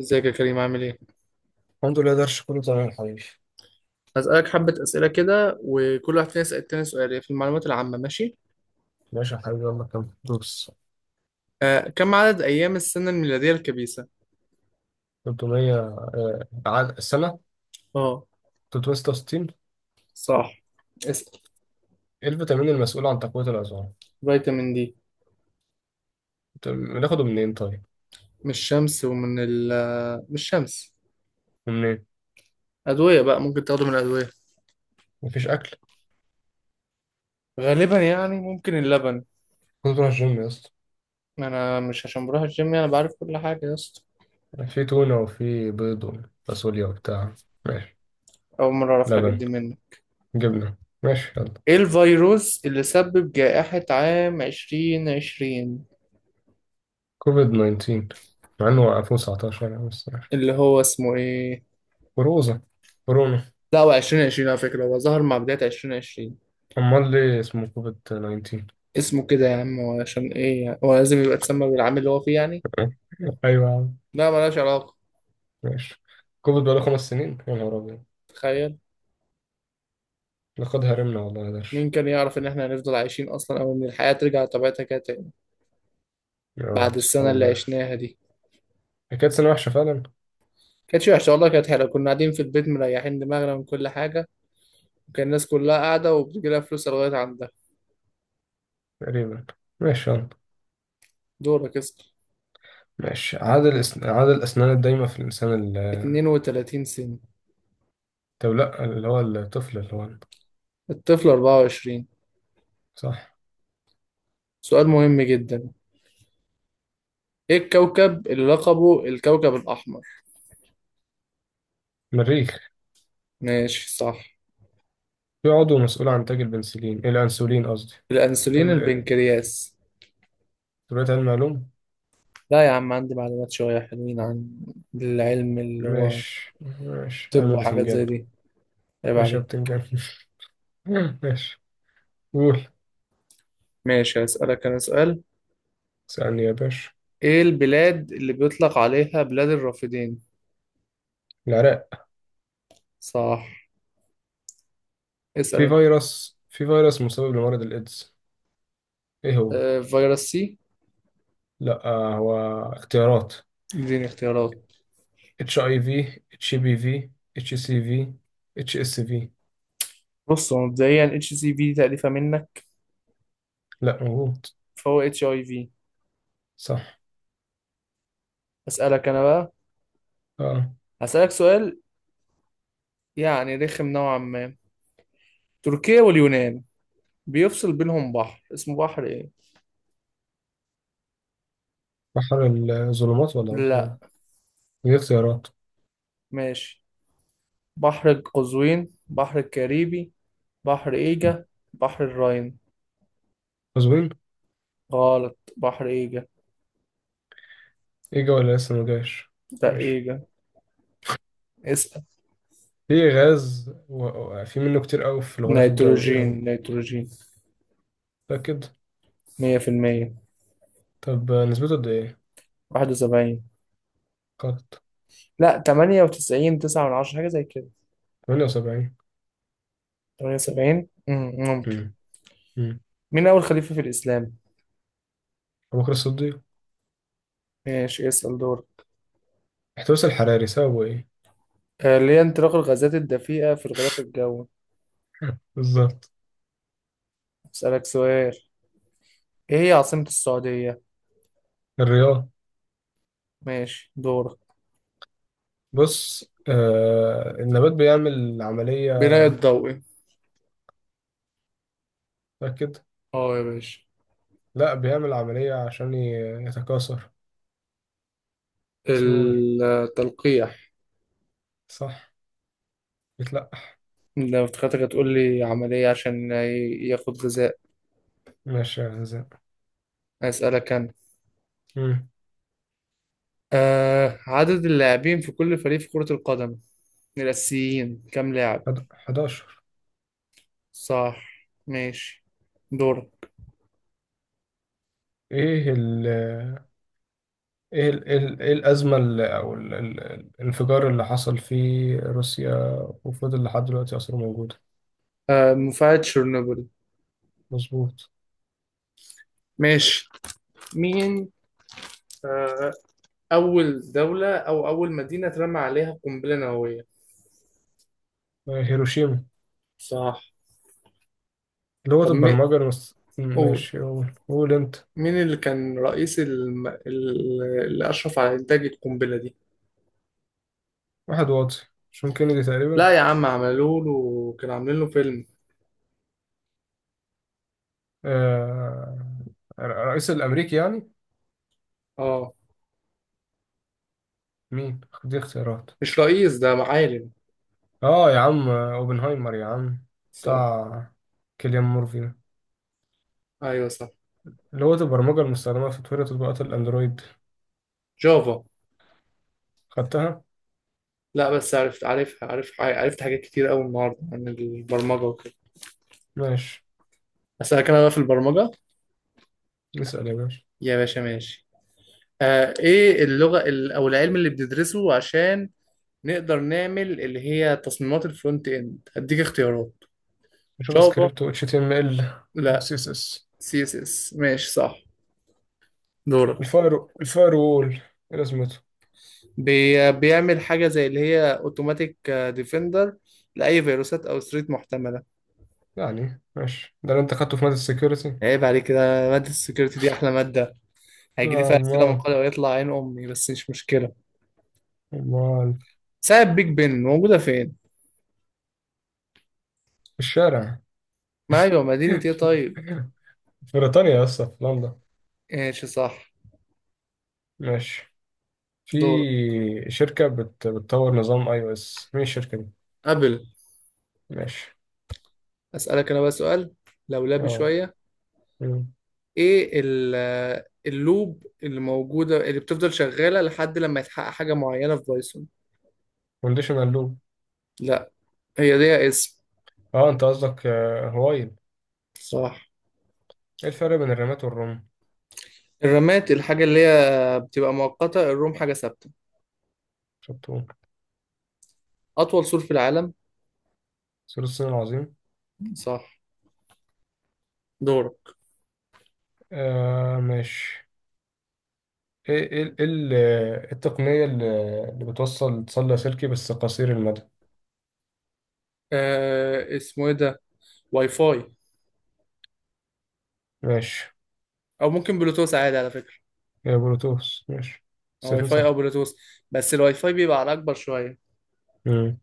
ازيك يا كريم، عامل ايه؟ الحمد لله درش كله تمام يا حبيبي. هسألك حبة أسئلة كده، وكل واحد فينا يسأل التاني سؤال هي في المعلومات العامة، ماشي؟ ماشي يا حبيبي، يلا كم دروس. آه، كم عدد أيام السنة الميلادية الكبيسة؟ 300 السنة اه. 366. صح. اسأل. إيه الفيتامين المسؤول عن تقوية العظام؟ فيتامين دي. طب بناخده منين طيب؟ من الشمس ومن ال، من الشمس. منين؟ أدوية بقى، ممكن تاخده من الأدوية. مفيش أكل؟ غالبا ممكن اللبن. كنت بروح الجيم يا اسطى. أنا مش عشان بروح الجيم بعرف كل حاجة يا اسطى. في تونة وفي بيض وفاصوليا وبتاع. ماشي. أول مرة أعرف الحاجات لبن. دي منك. جبنة. ماشي يلا. ايه الفيروس اللي سبب جائحة عام 2020؟ كوفيد 19. مع إنه وقفوه 19 يعني بس ماشي. اللي هو اسمه ايه؟ كوروزة. كورونا. لا، هو 2020 على فكرة، هو ظهر مع بداية 2020. أمال ليه اسمه كوفيد 19؟ اسمه كده يا عم، هو عشان ايه؟ هو لازم يبقى اتسمى بالعام اللي هو فيه أيوة يا عم. لا، ملهاش علاقة. ماشي. كوفيد بقاله 5 سنين يا نهار أبيض. تخيل. لقد هرمنا والله يا درش. مين كان يعرف ان احنا هنفضل عايشين اصلا، او ان الحياة ترجع لطبيعتها كده تاني اه، بعد سبحان السنة اللي الله يا أخي. عشناها دي. هي كانت سنة وحشة فعلا. كانت وحشة والله، كانت حلوة، كنا قاعدين في البيت مريحين دماغنا من كل حاجة، وكان الناس كلها قاعدة وبتجيلها فلوس لغاية عندها. تقريبا. ماشي يلا. دورك اسأل. ماشي. عدد الأسنان الدايمة في الإنسان 32 سنة. طب لا، اللي هو الطفل اللي هو. الطفل 24. صح. سؤال مهم جدا. ايه الكوكب اللي لقبه الكوكب الأحمر؟ مريخ. ماشي، صح. في عضو مسؤول عن إنتاج البنسلين، الأنسولين قصدي. الأنسولين ال... البنكرياس. دلوقتي علم معلوم. لا يا عم، عندي معلومات شوية حلوين عن العلم اللي هو. ماشي ماشي، طب علم وحاجات زي البتنجان. دي؟ عيب ماشي يا عليك. بتنجان. ماشي. قول. ماشي، هسألك أنا سؤال. اسألني يا باشا. إيه البلاد اللي بيطلق عليها بلاد الرافدين؟ العراق. صح. اسأل في أنت. فيروس في فيروس مسبب لمرض الإيدز. إيه هو؟ آه، فيروس سي. لا، هو اختيارات: اديني اختيارات. اتش اي في، اتش بي في، اتش سي في، اتش اس في. بص، هو مبدئيا اتش سي في تأليفة منك، لا موجود. فهو اتش اي في. صح. أسألك أنا بقى. اه. هسألك سؤال رخم نوعا ما. تركيا واليونان بيفصل بينهم بحر، اسمه بحر إيه؟ بحر الظلمات ولا بحر. لا. ايه دي اختيارات. ماشي. بحر قزوين، بحر الكاريبي، بحر ايجا، بحر الراين. مظبوطين. غلط، بحر ايجا. اجا ولا لسه ما جاش. لا، ماشي. ايجا. اسأل. في غاز في منه كتير قوي في الغلاف الجوي، ايه نيتروجين هو. نيتروجين متأكد. مية في المية. طب نسبته قد ايه. واحد وسبعين. قط. لا، تمانية وتسعين، تسعة من عشرة، حاجة زي كده. 78. تمانية وسبعين، ممكن. امم امم مين أول خليفة في الإسلام؟ ابو بكر الصديق. ماشي، اسأل دور. احتباس الحراري سببه ايه. آه، ليه انطلاق الغازات الدفيئة في الغلاف الجوي؟ بالظبط. أسألك سؤال. ايه هي عاصمة السعودية؟ الرياض. ماشي، دورك. بص، النبات بيعمل عملية. بناء الضوئي. متأكد. اه يا باشا. لا، بيعمل عملية عشان يتكاثر. اسمه ايه. التلقيح. صح. بيتلقح. لو افتكرتك هتقول لي عملية عشان ي- ياخد غذاء. ماشي يا زين. أسألك أنا. امم آه، عدد اللاعبين في كل فريق في كرة القدم الأساسيين كام لاعب؟ 11. صح، ماشي، دور. ايه ال إيه الأزمة اللي، او الانفجار اللي حصل في روسيا وفضل لحد دلوقتي أصلا موجودة. آه، مفاعل تشيرنوبل. مظبوط. ماشي. مين آه أول دولة أو أول مدينة اترمى عليها قنبلة نووية؟ هيروشيما. صح. طب مين؟ قول. ماشي، قول قول انت. مين كان رئيس الم... ال- اللي أشرف على إنتاج القنبلة دي؟ واحد واطي. جون كينيدي تقريبا. لا يا عم، عملوا له، كانوا عاملين له فيلم. آه... الرئيس الأمريكي يعني. اه. مين دي اختيارات. مش رئيس ده، معالم. اه يا عم، اوبنهايمر يا عم. صح. بتاع. كيليان مورفي. ايوه صح. اللي هو البرمجة المستخدمة في تطوير تطبيقات الأندرويد. جافا. خدتها؟ لا، بس عرفت، عارفها، عارف، عرفت حاجات كتير قوي النهارده عن البرمجه وكده. ماشي. اسالك انا بقى في البرمجه. اسأل يا باشا. يا باشا ماشي. آه، ايه اللغه ال- او العلم اللي بندرسه عشان نقدر نعمل اللي هي تصميمات الفرونت اند؟ هديك اختيارات. نشوف جافا. سكريبت و HTML و لا. CSS. سي اس اس. ماشي صح، دورك. الفاير وول، ايه لازمته؟ بي بيعمل حاجه زي اللي هي اوتوماتيك ديفندر لاي فيروسات او ستريت محتمله. يعني ماشي، ده اللي انت خدته في مادة السكيورتي؟ عيب عليك كده. مادة السكيورتي دي أحلى مادة. هيجيلي فيها أسئلة أمال. مقالة ويطلع عين أمي، بس مش مشكلة. أمال. ساعة بيج بن موجودة فين؟ في الشارع. ما أيوة، مدينة إيه طيب؟ في بريطانيا يا اسطى، في لندن. ماشي صح. ماشي. في. دور. بتطور نظام اي او اس. مين الشركة دي؟ قبل. ماشي. أسألك أنا بقى سؤال لولبي اه، شوية. إيه ال- اللوب اللي موجودة اللي بتفضل شغالة لحد لما يتحقق حاجة معينة في بايثون؟ كونديشنال لوب. لا. هي دي اسم. اه انت قصدك، هوايل. صح. ايه الفرق بين الرمات والرمل. الرامات الحاجة اللي هي بتبقى مؤقتة، الروم حاجة ثابتة. شطور. أطول سور في العالم؟ سور الصين العظيم. صح، دورك. ماشي. ايه ايه إيه ال- آه، التقنية اللي اللي بتوصل اتصال لاسلكي بس قصير المدى. آه، اسمه إيه ده؟ واي فاي. ماشي. او ممكن بلوتوث عادي على فكره. هي بلوتوث ماشي. أو واي ستين فاي او صح. بلوتوث، بس الواي فاي بيبقى على اكبر شويه. مم.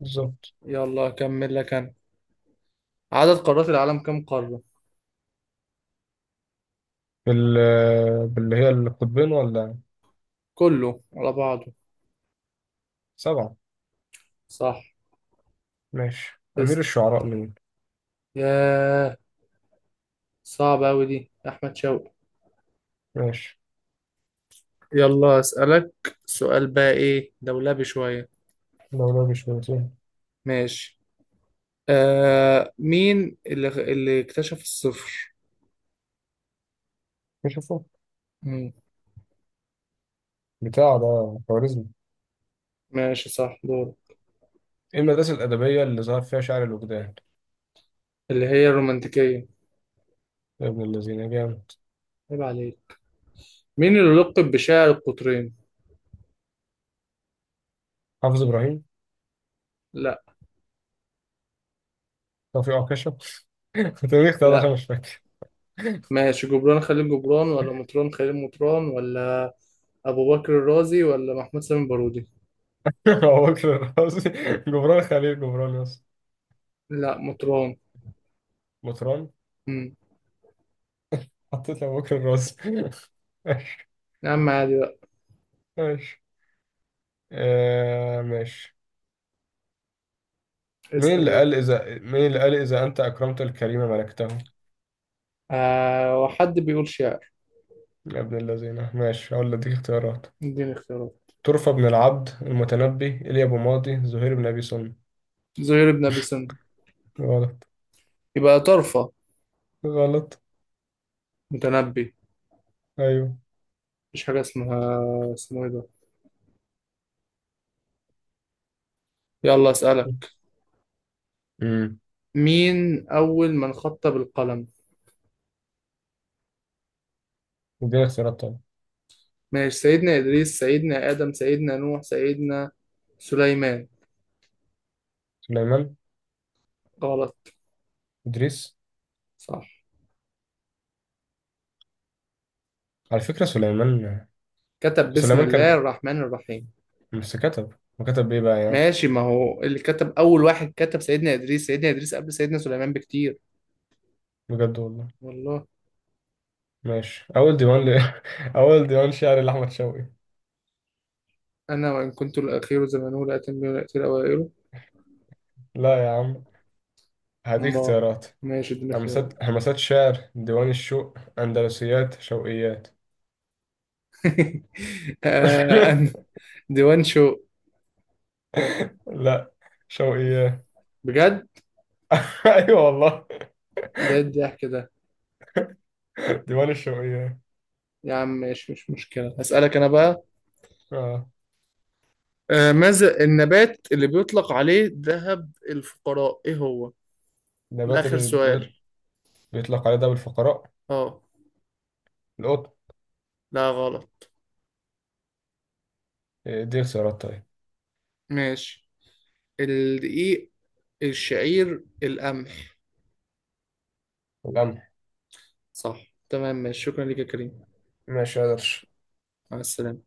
بالظبط. يلا اكمل لك انا. عدد قارات العالم كم قاره؟ باللي هي القطبين ولا. كله على بعضه. سبعة. صح. ماشي أمير اسم. الشعراء مين. ياه، صعب اوي دي، يا احمد شوقي. ماشي. يلا اسالك سؤال بقى، ايه دولابي شويه. لو ده مش بنتين. ماشي. آه، مين اللي اكتشف الصفر؟ نشوفه. مم. بتاع ده خوارزمي. ماشي صح، دور. ايه المدرسة الأدبية اللي ظهر فيها شعر الوجدان. اللي هي الرومانتيكيه. يا ابن الذين جامد. عيب عليك. مين اللي لقب بشاعر القطرين؟ حافظ ابراهيم. لا. توفيق عكاشة توفيق ده عشان لا. مش فاكر. ماشي، جبران خليل جبران ولا مطران خليل مطران ولا أبو بكر الرازي ولا محمود سامي البارودي؟ ابو بكر الرازي، جبران خليل جبران، يس. لا، مطران. مطران. مم. حطيت ابو بكر الرازي ماشي. يا عم عادي بقى. ماشي. ماشي. اسأل يلا. مين اللي قال اذا انت اكرمت الكريم ملكته. آه، وحد بيقول شعر. يا ابن الذين، ماشي اقول لك اختيارات: اديني اختيارات. طرفة بن العبد، المتنبي، ايليا ابو ماضي، زهير بن ابي سلمى. زهير بن أبي سنة. غلط. يبقى طرفة. غلط. متنبي. ايوه. مفيش حاجة اسمها، اسمه ايه ده. يلا أسألك، امم مين أول من خط بالقلم؟ اديني اختيارات طبعا. ماشي، سيدنا إدريس، سيدنا آدم، سيدنا نوح، سيدنا سليمان. سليمان. غلط. ادريس. صح. على فكرة سليمان. كتب بسم سليمان الله كان. الرحمن الرحيم. بس كتب. وكتب ايه بقى يعني. ماشي، ما هو اللي كتب، أول واحد كتب سيدنا إدريس، سيدنا إدريس قبل سيدنا سليمان بكتير. بجد والله. والله. ماشي، أول ديوان شعر لأحمد شوقي. أنا وإن كنت الأخير زمانه، لا أتم ولا أتي الأوائل. لا يا عم. هذه ما. اختيارات: ماشي، اديني اختيارات. همسات همسات شعر، ديوان الشوق، أندلسيات، شوقيات. آه، أنا- ديوان شو. لا، شوقيات. بجد. أيوة والله. ده الضحك ده. ديوان الشوقيات. يا عم ماشي، مش مشكلة، هسألك أنا بقى. آه آه، ماذا النبات اللي بيطلق عليه ذهب الفقراء، إيه هو؟ ده نبات آخر اللي سؤال. بيطلق عليه داب الفقراء. أه. القطن. لا، غلط. إيه، دي اختيارات طيب. ماشي. الدقيق، الشعير، القمح. القمح. صح تمام، ماشي، شكرا لك يا كريم. ماشي قدرش. مع السلامة.